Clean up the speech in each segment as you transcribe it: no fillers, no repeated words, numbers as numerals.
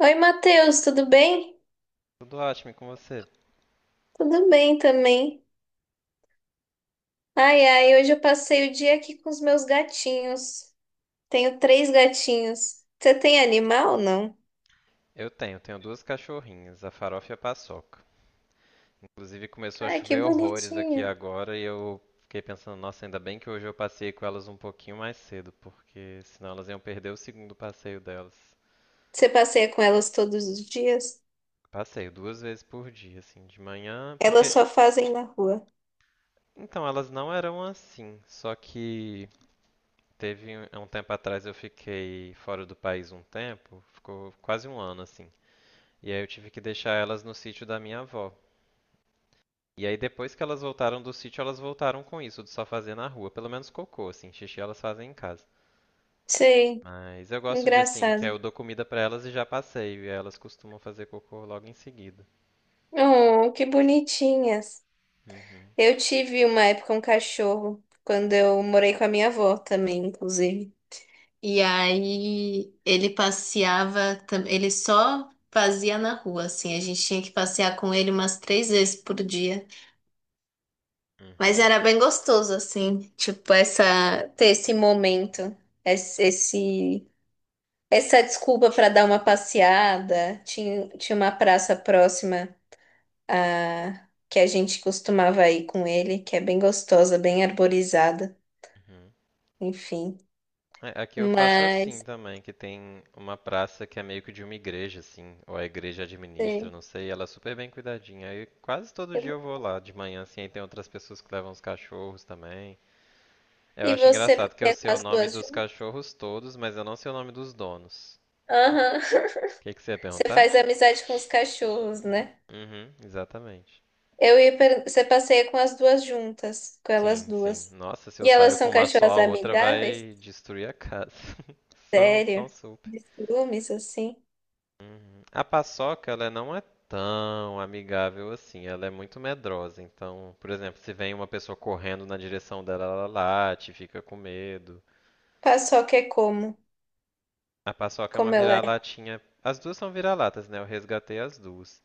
Oi, Matheus, tudo bem? Tudo ótimo e com você? Tudo bem também. Ai, ai, hoje eu passei o dia aqui com os meus gatinhos. Tenho três gatinhos. Você tem animal ou não? Eu tenho duas cachorrinhas, a Farofa e a Paçoca. Inclusive começou a Ai, que chover horrores aqui bonitinho. agora e eu fiquei pensando, nossa, ainda bem que hoje eu passei com elas um pouquinho mais cedo, porque senão elas iam perder o segundo passeio delas. Você passeia com elas todos os dias? Passeio duas vezes por dia, assim, de manhã, Elas porque só fazem na rua. então elas não eram assim, só que há um tempo atrás eu fiquei fora do país um tempo, ficou quase um ano assim. E aí eu tive que deixar elas no sítio da minha avó. E aí depois que elas voltaram do sítio, elas voltaram com isso de só fazer na rua, pelo menos cocô, assim, xixi elas fazem em casa. Sei, Mas eu gosto de assim, que engraçado. eu dou comida pra elas e já passeio, e aí elas costumam fazer cocô logo em seguida. Oh, que bonitinhas. Uhum, Eu tive uma época um cachorro, quando eu morei com a minha avó também, inclusive. E aí ele passeava, ele só fazia na rua, assim. A gente tinha que passear com ele umas três vezes por dia. Mas uhum, era bem gostoso, assim, tipo, essa, ter esse momento, esse, esse- essa desculpa para dar uma passeada. Tinha uma praça próxima que a gente costumava ir com ele, que é bem gostosa, bem arborizada, uhum. enfim. É, aqui eu faço Mas. assim também, que tem uma praça que é meio que de uma igreja, assim, ou a igreja administra, É, não sei, e ela é super bem cuidadinha. Aí quase todo dia eu eu- vou lá de manhã, assim, aí tem outras pessoas que levam os cachorros também. Eu e acho você engraçado que eu passeia com sei o as nome duas. dos cachorros todos, mas eu não sei o nome dos donos. Aham. O que, que você ia Você perguntar? faz amizade com os cachorros, né? Uhum, exatamente. Eu ia per... Você passeia com as duas juntas, com elas Sim, sim. duas. Nossa, se eu E elas saio com são uma só, cachorras a outra amigáveis? vai destruir a casa. São, são Sério? super. De ciúmes, assim? Uhum. A paçoca, ela não é tão amigável assim. Ela é muito medrosa. Então, por exemplo, se vem uma pessoa correndo na direção dela, ela late, fica com medo. Paçoca é como? A paçoca é uma Como ela é? vira-latinha. As duas são vira-latas, né? Eu resgatei as duas.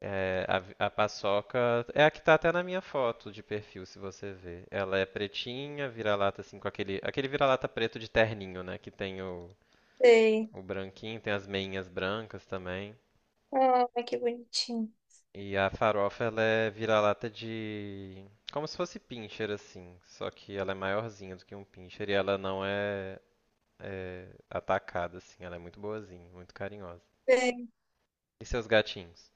É, a paçoca é a que tá até na minha foto de perfil, se você ver. Ela é pretinha, vira-lata assim com aquele vira-lata preto de terninho, né? Sei. O branquinho, tem as meinhas brancas também. Ai, que bonitinho. E a farofa ela é vira-lata de como se fosse pincher assim, só que ela é maiorzinha do que um pincher e ela não é, é atacada assim. Ela é muito boazinha, muito carinhosa. Sei. E seus gatinhos?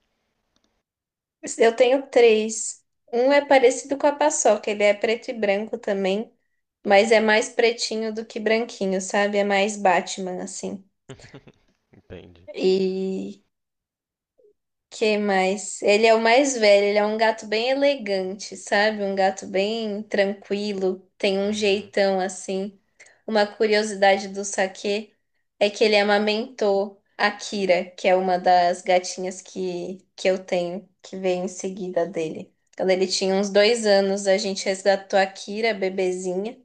Eu tenho três. Um é parecido com a paçoca, ele é preto e branco também, mas é Uhum. mais pretinho do que branquinho, sabe? É mais Batman, assim. Entendi. E que mais? Ele é o mais velho, ele é um gato bem elegante, sabe? Um gato bem tranquilo, tem um Uhum. jeitão assim. Uma curiosidade do Saquê é que ele amamentou a Kira, que é uma das gatinhas que eu tenho, que veio em seguida dele. Quando ele tinha uns dois anos, a gente resgatou a Kira, bebezinha,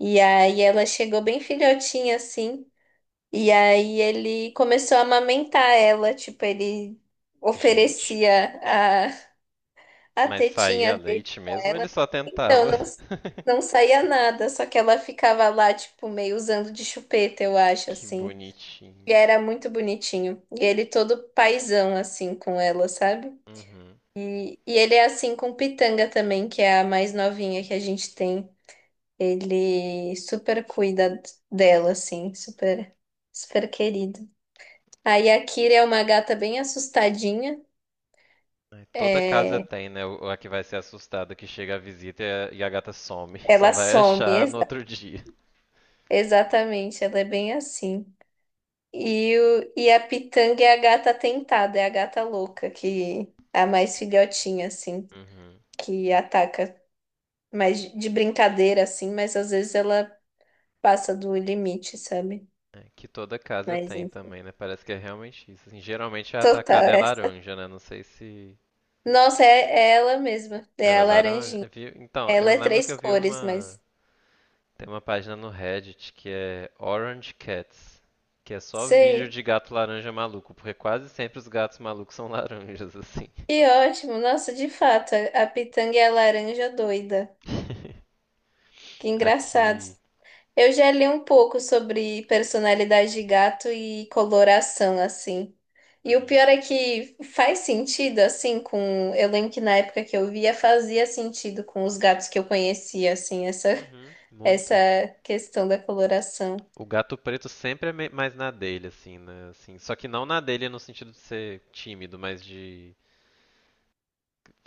e aí ela chegou bem filhotinha assim. E aí ele começou a amamentar ela, tipo, ele Gente. oferecia a Mas saía tetinha dele leite pra mesmo ou ele ela. só Então tentava? não, não saía nada, só que ela ficava lá, tipo, meio usando de chupeta, eu acho, Que assim. E bonitinho. era muito bonitinho. E ele todo paizão, assim, com ela, sabe? Uhum. E ele é assim com Pitanga também, que é a mais novinha que a gente tem. Ele super cuida dela, assim, super, super querido. Aí a Kira é uma gata bem assustadinha. Toda casa É, tem, né? A que vai ser assustada que chega a visita e a gata some. Só ela vai some, achar no outro dia. exatamente, ela é bem assim. E, o, e a Pitanga é a gata tentada, é a gata louca, que é a mais filhotinha, assim, Uhum. que ataca mais de brincadeira, assim, mas às vezes ela passa do limite, sabe? É. Que toda casa Mas tem enfim. também, né? Parece que é realmente isso, assim. Geralmente a atacada Total, é essa. laranja, né? Não sei se Nossa, é, é ela mesma, ela é é a laranja. laranjinha. Então, eu Ela é lembro que três eu vi cores, uma. mas Tem uma página no Reddit que é Orange Cats, que é só vídeo sei. de gato laranja maluco, porque quase sempre os gatos malucos são laranjas, assim. Que ótimo! Nossa, de fato, a pitanga é a laranja doida. Que engraçado. Aqui. Eu já li um pouco sobre personalidade de gato e coloração, assim. E o Uhum. pior é que faz sentido, assim, com... Eu lembro que na época que eu via, fazia sentido com os gatos que eu conhecia, assim, essa, Uhum. essa Muito. questão da coloração. O gato preto sempre é mais na dele, assim, né? Assim, só que não na dele no sentido de ser tímido, mas de.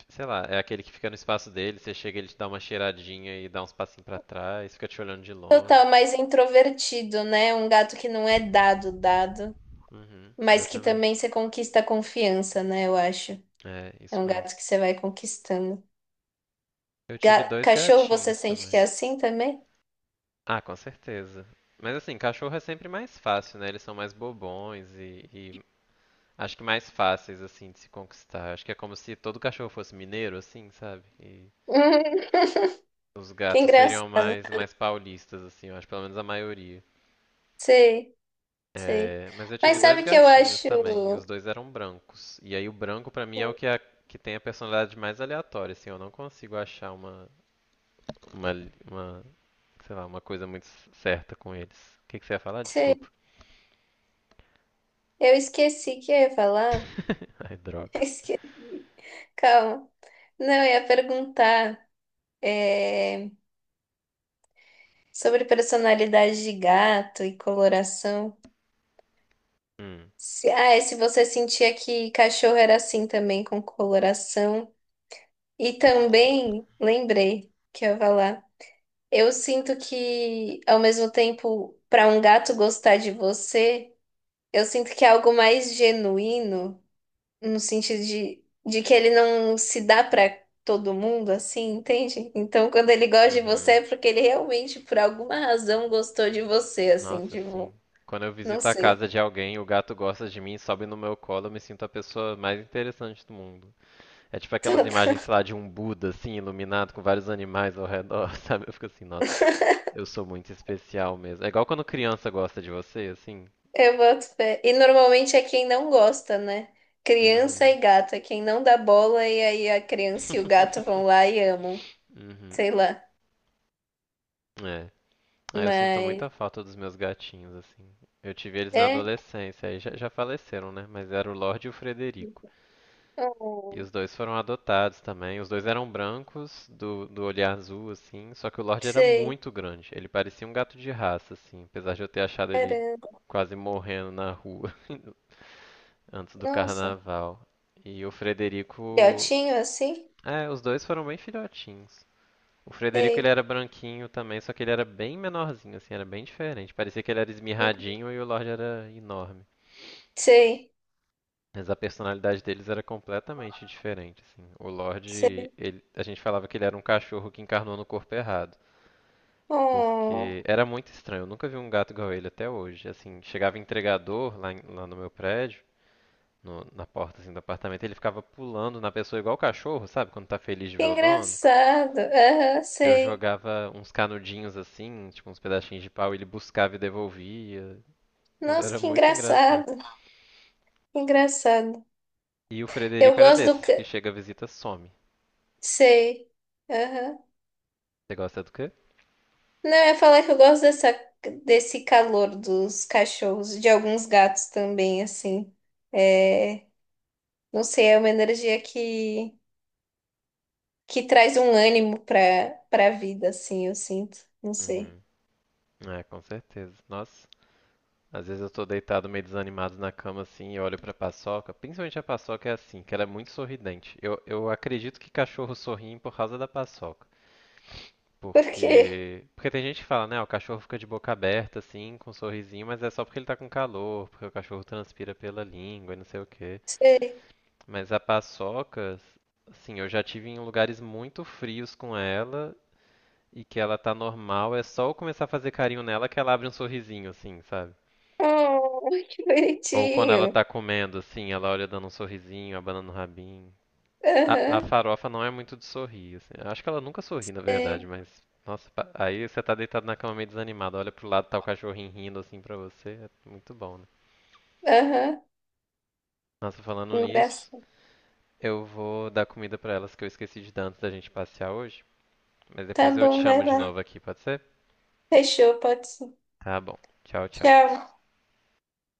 Sei lá, é aquele que fica no espaço dele, você chega, ele te dá uma cheiradinha e dá uns passinhos pra trás, fica te olhando de Total, longe. mais introvertido, né? Um gato que não é dado, dado, Uhum, mas que também exatamente. você conquista a confiança, né? Eu acho. É, É isso um gato mesmo. que você vai conquistando. Eu tive Ga- dois Cachorro, você gatinhos sente que também. é assim também? Ah, com certeza. Mas assim, cachorro é sempre mais fácil, né? Eles são mais bobões e acho que mais fáceis, assim, de se conquistar. Acho que é como se todo cachorro fosse mineiro, assim, sabe? E os Que gatos seriam engraçado. mais paulistas, assim, eu acho, pelo menos a maioria. Sei, sei. É, mas eu Mas tive dois sabe o que eu gatinhos acho? também, e os dois eram brancos. E aí o branco pra mim é que tem a personalidade mais aleatória, assim, eu não consigo achar uma, uma sei lá, uma coisa muito certa com eles. O que, que você ia falar? Sei. Desculpa. Eu esqueci o que eu ia falar. Ai, droga. Esqueci. Calma. Não, eu ia perguntar é, sobre personalidade de gato e coloração. Hum. Se, ah, é se você sentia que cachorro era assim também, com coloração. E também lembrei que eu ia falar. Eu sinto que, ao mesmo tempo, para um gato gostar de você, eu sinto que é algo mais genuíno, no sentido de que ele não se dá para todo mundo, assim, entende? Então, quando ele gosta de você, Uhum. é porque ele realmente, por alguma razão, gostou de você, assim, Nossa, sim. tipo, Quando eu não visito a casa sei. de alguém, o gato gosta de mim, sobe no meu colo, eu me sinto a pessoa mais interessante do mundo. É tipo aquelas imagens, sei lá, de um Buda, assim, iluminado com vários animais ao redor, sabe? Eu fico assim, nossa, eu sou muito especial mesmo. É igual quando criança gosta de você, assim. Eu boto fé. E normalmente é quem não gosta, né? Criança Uhum. e gato, é quem não dá bola e aí a criança e o gato vão lá e amam, Uhum. sei lá. É. Ah, eu sinto Mas. muita falta dos meus gatinhos, assim. Eu tive eles na É. adolescência, aí já faleceram, né? Mas era o Lorde e o Frederico. E Oh, os dois foram adotados também. Os dois eram brancos, do olhar azul, assim. Só que o Lorde era sei. muito grande. Ele parecia um gato de raça, assim. Apesar de eu ter achado ele Caramba. quase morrendo na rua antes do Nossa. carnaval. E o Frederico. Filhotinho assim? É, os dois foram bem filhotinhos. O Frederico ele Sei. era branquinho também, só que ele era bem menorzinho, assim, era bem diferente. Parecia que ele era esmirradinho e o Lorde era enorme. Sei. Mas a personalidade deles era completamente diferente, assim. O Lorde, Sei. A gente falava que ele era um cachorro que encarnou no corpo errado. Oh, Porque era muito estranho, eu nunca vi um gato igual ele até hoje. Assim, chegava entregador lá, lá no meu prédio, na porta assim, do apartamento, ele ficava pulando na pessoa igual o cachorro, sabe? Quando tá feliz de que ver o dono. engraçado. Aham, Eu sei. jogava uns canudinhos assim, tipo uns pedacinhos de pau, ele buscava e devolvia. Ele Nossa, era que muito engraçado. engraçado. Que engraçado. E o Eu Frederico era gosto do... desses, que chega, visita, some. sei. Aham. Você gosta do quê? Não, eu ia falar que eu gosto dessa, desse calor dos cachorros, de alguns gatos também, assim. É... Não sei, é uma energia que traz um ânimo para a vida, assim, eu sinto. Não sei. Uhum. É, com certeza. Nossa, às vezes eu tô deitado meio desanimado na cama assim e olho pra paçoca. Principalmente a paçoca é assim, que ela é muito sorridente. Eu acredito que cachorro sorri por causa da paçoca. Por quê? Porque. Porque tem gente que fala, né? O cachorro fica de boca aberta, assim, com um sorrisinho, mas é só porque ele tá com calor, porque o cachorro transpira pela língua e não sei o quê. Sei. Mas a paçoca, assim, eu já tive em lugares muito frios com ela e que ela tá normal, é só eu começar a fazer carinho nela que ela abre um sorrisinho, assim, sabe? Oh, que Ou quando ela bonitinho. tá comendo, assim, ela olha dando um sorrisinho, abanando o rabinho. A Aham, farofa não é muito de sorrir, assim. Eu acho que ela nunca sorri, na verdade, é. mas. Nossa, aí você tá deitado na cama meio desanimado, olha pro lado, tá o cachorrinho rindo assim pra você. É muito bom, né? Aham, Nossa, falando nisso, engraçado. eu vou dar comida pra elas que eu esqueci de dar antes da gente passear hoje. Mas Tá depois eu te bom, vai chamo de lá. novo aqui, pode ser? Fechou, pode ser. Tá bom. Tchau, tchau. Tchau.